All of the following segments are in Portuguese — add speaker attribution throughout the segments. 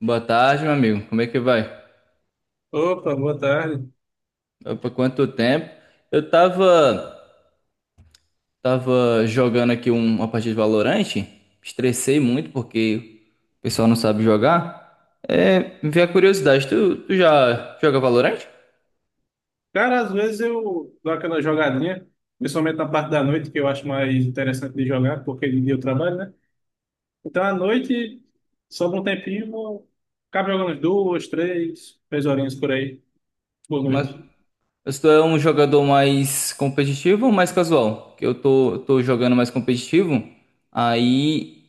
Speaker 1: Boa tarde, meu amigo. Como é que vai?
Speaker 2: Opa, boa tarde.
Speaker 1: Opa, quanto tempo? Eu tava, tava jogando aqui uma partida de Valorant, estressei muito porque o pessoal não sabe jogar. É, me veio a curiosidade, tu já joga Valorant?
Speaker 2: Cara, às vezes eu dou aquela jogadinha, principalmente na parte da noite, que eu acho mais interessante de jogar, porque de dia eu trabalho, né? Então à noite, sobra um tempinho, vou ficar jogando umas duas, três horinhas por aí. Boa
Speaker 1: Mas
Speaker 2: noite.
Speaker 1: mas tu é um jogador mais competitivo ou mais casual? Eu tô jogando mais competitivo, aí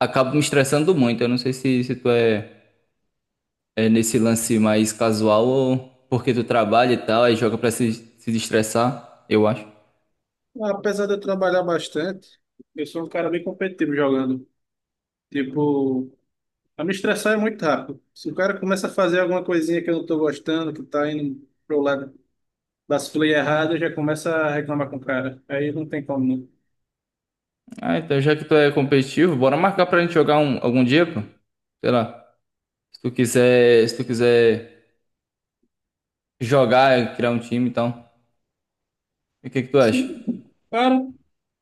Speaker 1: acabo me estressando muito. Eu não sei se tu é é, nesse lance mais casual ou porque tu trabalha e tal, aí joga pra se, se destressar, eu acho.
Speaker 2: Apesar de eu trabalhar bastante, eu sou um cara bem competitivo jogando. Tipo, a me estressar é muito rápido. Se o cara começa a fazer alguma coisinha que eu não tô gostando, que tá indo pro lado, vacilei errado, eu já começa a reclamar com o cara. Aí não tem como, não.
Speaker 1: Ah, então já que tu é competitivo, bora marcar pra gente jogar algum dia, pô. Sei lá. Se tu quiser jogar, criar um time e tal. E o que que tu acha?
Speaker 2: Sim, claro.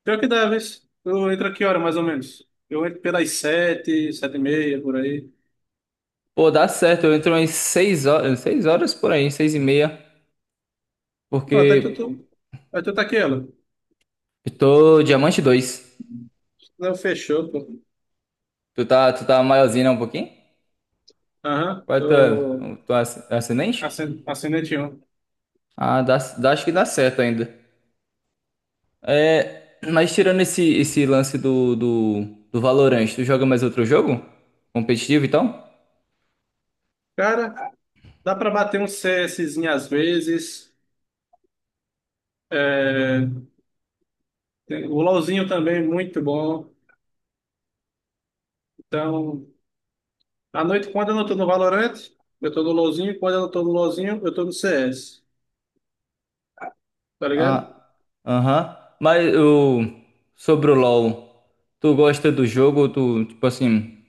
Speaker 2: Pior que deves. Tu entra que hora, mais ou menos? Eu entro pelas sete, 7h30, por aí.
Speaker 1: Pô, dá certo, eu entro umas 6 horas por aí, 6 e meia,
Speaker 2: Pronto,
Speaker 1: porque
Speaker 2: aí tu tá aqui, ela.
Speaker 1: eu tô diamante dois.
Speaker 2: Não, fechou, pô.
Speaker 1: Tu tá maiorzinho né, um pouquinho?
Speaker 2: Aham,
Speaker 1: Qual é a
Speaker 2: tô
Speaker 1: tua ascendente?
Speaker 2: assinante um.
Speaker 1: Ah, dá, acho que dá certo ainda. É, mas tirando esse lance do Valorant, tu joga mais outro jogo? Competitivo e tal?
Speaker 2: Cara, dá pra bater um CSzinho às vezes. É, o LoLzinho também, muito bom. Então, à noite, quando eu não tô no Valorant, eu tô no LoLzinho. Quando eu não tô no LoLzinho, eu tô no CS. Tá ligado?
Speaker 1: Ah, aham. Sobre o LoL, tu gosta do jogo? Tu, tipo assim,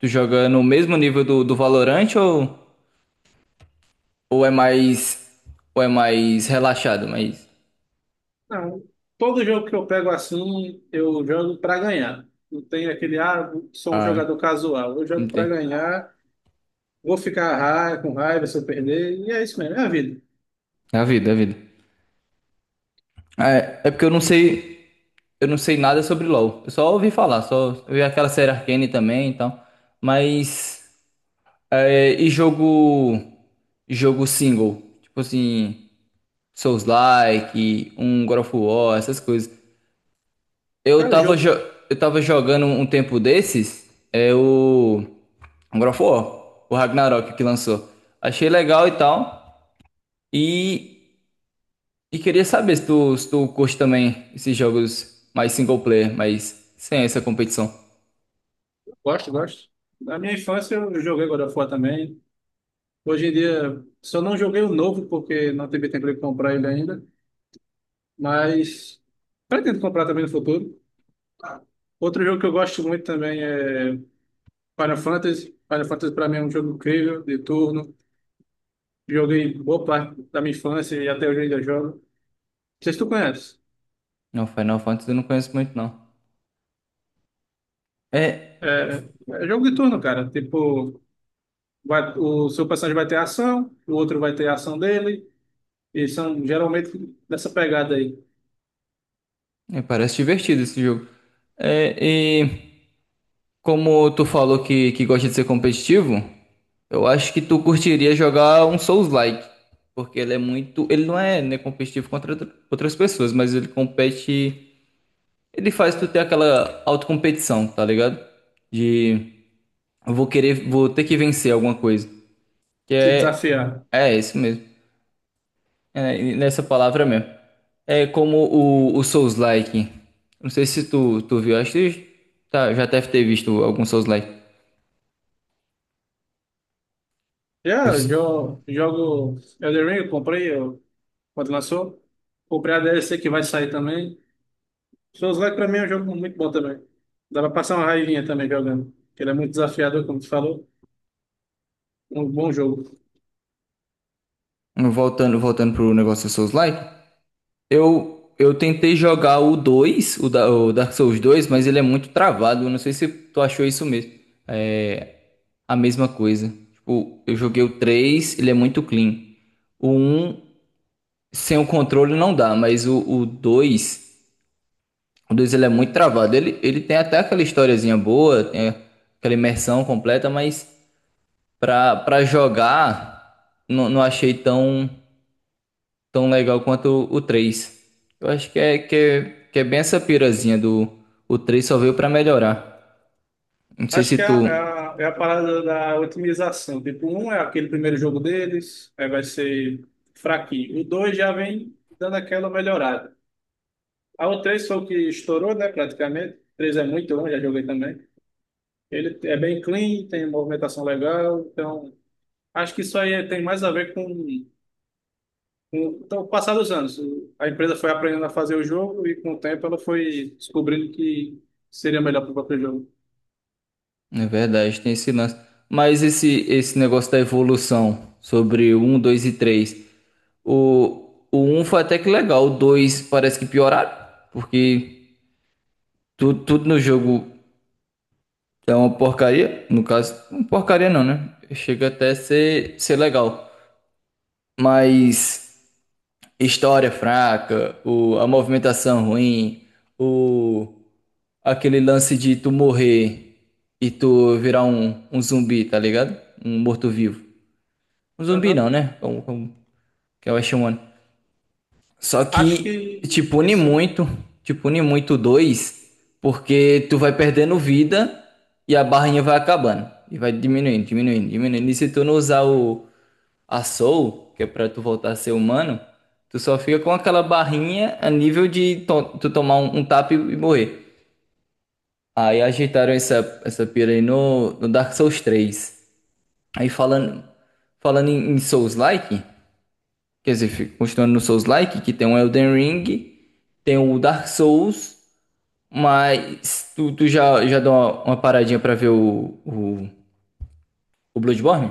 Speaker 1: tu joga no mesmo nível do Valorant ou é ou é mais relaxado? Mais
Speaker 2: Não. Todo jogo que eu pego assim, eu jogo para ganhar. Não tem aquele, ah, sou um jogador
Speaker 1: ah,
Speaker 2: casual. Eu jogo para
Speaker 1: entendi.
Speaker 2: ganhar, vou ficar com raiva se eu perder, e é isso mesmo, é a vida.
Speaker 1: É a vida, é a vida. É, é porque eu não sei nada sobre LoL. Eu só ouvi falar, só eu vi aquela série Arcane também e tal. Mas é, e jogo. Jogo single. Tipo assim. Souls-like, um God of War, essas coisas. Eu
Speaker 2: Cara,
Speaker 1: tava, jo-
Speaker 2: jogo,
Speaker 1: eu tava jogando um tempo desses. É o. Um God of War. O Ragnarok que lançou. Achei legal e tal. E. E queria saber se tu curte também esses jogos mais single player, mas sem essa competição.
Speaker 2: gosto, gosto. Na minha infância eu joguei God of War também. Hoje em dia, só não joguei o novo, porque não tive tempo de comprar ele ainda, mas pretendo comprar também no futuro. Outro jogo que eu gosto muito também é Final Fantasy. Final Fantasy para mim é um jogo incrível, de turno. Joguei boa parte da minha infância e até hoje ainda jogo. Não sei se tu conhece.
Speaker 1: Não, Final Fantasy eu não conheço muito, não. É.
Speaker 2: É, é jogo de turno, cara. Tipo, o seu personagem vai ter ação, o outro vai ter a ação dele, e são geralmente dessa pegada aí,
Speaker 1: É, parece divertido esse jogo. É, como tu falou que gosta de ser competitivo, eu acho que tu curtiria jogar um Souls-like, porque ele não é, né, competitivo contra outras pessoas, mas ele compete, ele faz tu ter aquela autocompetição, tá ligado? De eu vou querer, vou ter que vencer alguma coisa, que
Speaker 2: se
Speaker 1: é
Speaker 2: desafiar.
Speaker 1: é isso mesmo. É nessa palavra mesmo. É como o Souls-like. Não sei se tu, tu viu, acho que tá, já deve ter visto algum Souls-like.
Speaker 2: Jogo Elden Ring, eu comprei quando lançou. Comprei a DLC que vai sair também. Souls Like pra mim é um jogo muito bom também. Dá pra passar uma raivinha também jogando. Ele é muito desafiador, como tu falou. Um bom jogo.
Speaker 1: Voltando pro negócio do Souls-like, eu tentei jogar o 2, o Dark Souls dois, mas ele é muito travado. Eu não sei se tu achou isso mesmo. É a mesma coisa. Tipo, eu joguei o 3, ele é muito clean. O um sem o controle não dá, o 2, o 2 ele é muito travado. Ele tem até aquela historiazinha boa, tem aquela imersão completa, mas pra jogar, não achei tão legal quanto o 3. Eu acho que é bem essa pirazinha do. O 3 só veio pra melhorar. Não sei
Speaker 2: Acho
Speaker 1: se
Speaker 2: que é a, é
Speaker 1: tu.
Speaker 2: a, é a parada da otimização. Tipo, um é aquele primeiro jogo deles, aí vai ser fraquinho. O dois já vem dando aquela melhorada. A o três foi o que estourou, né, praticamente. O três é muito bom, já joguei também. Ele é bem clean, tem movimentação legal, então acho que isso aí tem mais a ver com então, o passar dos anos. A empresa foi aprendendo a fazer o jogo e com o tempo ela foi descobrindo que seria melhor para o próprio jogo.
Speaker 1: É verdade, tem esse lance. Mas esse negócio da evolução sobre o 1, 2 e 3. O um foi até que legal. O 2 parece que pioraram. Porque tudo no jogo é uma porcaria. No caso, porcaria não, né? Chega até a ser legal. Mas história fraca, o, a movimentação ruim, o, aquele lance de tu morrer e tu virar um zumbi, tá ligado? Um morto-vivo. Um zumbi
Speaker 2: Aham.
Speaker 1: não, né? Como, como que eu chamando. Só
Speaker 2: Acho
Speaker 1: que
Speaker 2: que isso.
Speaker 1: te pune muito o dois, porque tu vai perdendo vida e a barrinha vai acabando. E vai diminuindo, diminuindo, diminuindo. E se tu não usar a Soul, que é pra tu voltar a ser humano, tu só fica com aquela barrinha a nível tu tomar um tapa e morrer. Aí ajeitaram essa pira aí no Dark Souls três. Aí falando, falando em Souls-like, quer dizer, continuando no Souls-like, que tem um Elden Ring, tem o Dark Souls, mas já deu uma paradinha pra ver o Bloodborne?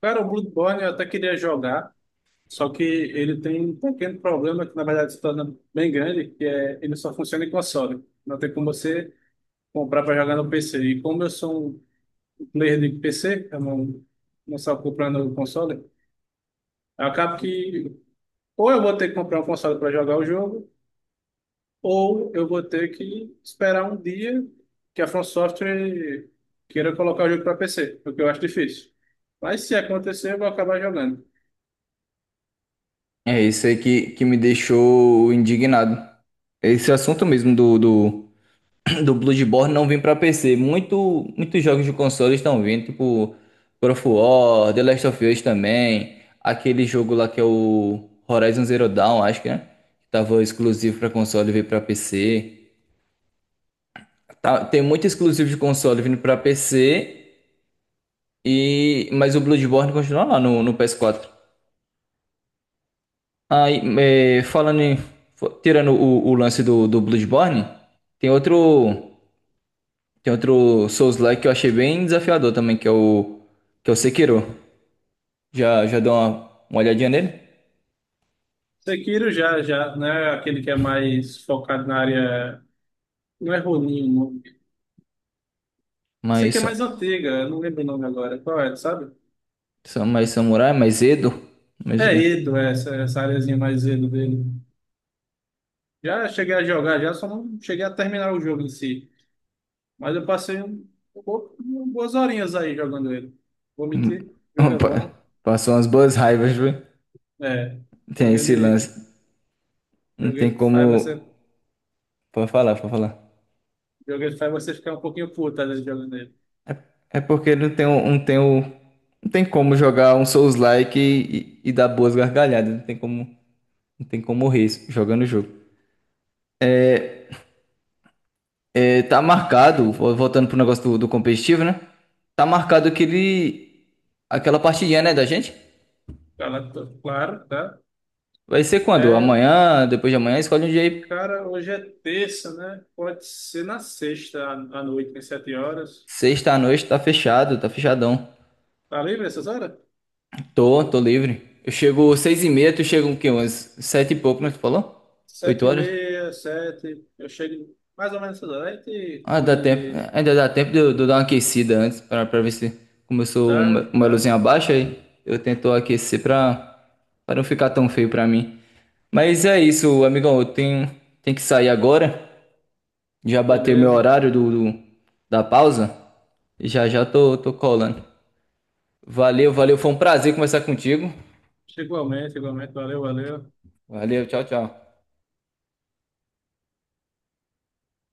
Speaker 2: Cara, o Bloodborne eu até queria jogar, só que ele tem um pequeno problema que na verdade se torna bem grande, que é ele só funciona em console. Não tem como você comprar para jogar no PC. E como eu sou um player de PC, eu não, não só comprando o console, eu acabo que ou eu vou ter que comprar um console para jogar o jogo, ou eu vou ter que esperar um dia que a From Software queira colocar o jogo para PC, o que eu acho difícil. Mas se acontecer, eu vou acabar jogando.
Speaker 1: É isso aí que me deixou indignado. Esse assunto mesmo do Bloodborne não vem pra PC. Muitos jogos de console estão vindo, tipo God of War, The Last of Us também, aquele jogo lá que é o Horizon Zero Dawn, acho que, né? Que tava exclusivo pra console e veio pra PC. Tá- tem muito exclusivo de console vindo pra PC, e mas o Bloodborne continua lá no PS4. Aí, é, tirando o lance do, do Bloodborne, tem outro. Tem outro Souls-like que eu achei bem desafiador também, que é o Sekiro. Já deu uma olhadinha nele?
Speaker 2: Já, né? Aquele que é mais focado na área. Não é Ronin o nome? Sei que é
Speaker 1: Mais,
Speaker 2: mais antiga, eu não lembro o nome agora. Qual é, sabe?
Speaker 1: mais samurai, mais Edo. Mais o
Speaker 2: É
Speaker 1: quê?
Speaker 2: Edo, é essa areazinha mais Edo dele. Já cheguei a jogar, já só não cheguei a terminar o jogo em si. Mas eu passei um bo- boas horinhas aí jogando ele. Vou
Speaker 1: Hum,
Speaker 2: mentir, o jogo é bom.
Speaker 1: Passou umas boas raivas, viu?
Speaker 2: É,
Speaker 1: Tem
Speaker 2: joguei
Speaker 1: esse lance.
Speaker 2: ele,
Speaker 1: Não
Speaker 2: joguei
Speaker 1: tem
Speaker 2: ele faz
Speaker 1: como.
Speaker 2: essa.
Speaker 1: Pode falar, pode falar.
Speaker 2: Jogo ele faz você ficar um pouquinho puto às vezes jogando ele.
Speaker 1: É porque não tem como jogar um Souls-like e dar boas gargalhadas. Não tem como, não tem como morrer jogando o jogo. É, tá marcado, voltando pro negócio do competitivo, né? Tá marcado aquela partidinha, né, da gente?
Speaker 2: Ela- Claro, tá?
Speaker 1: Vai ser quando?
Speaker 2: É,
Speaker 1: Amanhã, depois de amanhã, escolhe um dia aí.
Speaker 2: cara, hoje é terça, né? Pode ser na sexta à noite, às 7h.
Speaker 1: Sexta à noite, tá fechado, tá fechadão.
Speaker 2: Tá livre essas horas?
Speaker 1: Tô livre. Eu chego seis e meia, tu chega o quê? Umas sete e pouco, né? Tu falou? Oito
Speaker 2: Sete e
Speaker 1: horas?
Speaker 2: meia, sete. Eu chego mais ou menos essas horas. Aí te
Speaker 1: Ah, dá
Speaker 2: combina
Speaker 1: tempo.
Speaker 2: de...
Speaker 1: Ainda dá tempo de eu dar uma aquecida antes, pra ver se começou
Speaker 2: Tá,
Speaker 1: uma
Speaker 2: tá.
Speaker 1: luzinha baixa aí. Eu tento aquecer pra não ficar tão feio pra mim. Mas é isso, amigão. Tenho que sair agora. Já bateu meu
Speaker 2: Beleza.
Speaker 1: horário da pausa. E já já tô colando. Valeu, valeu. Foi um prazer conversar contigo.
Speaker 2: Igualmente, igualmente. Valeu, valeu.
Speaker 1: Valeu, tchau, tchau.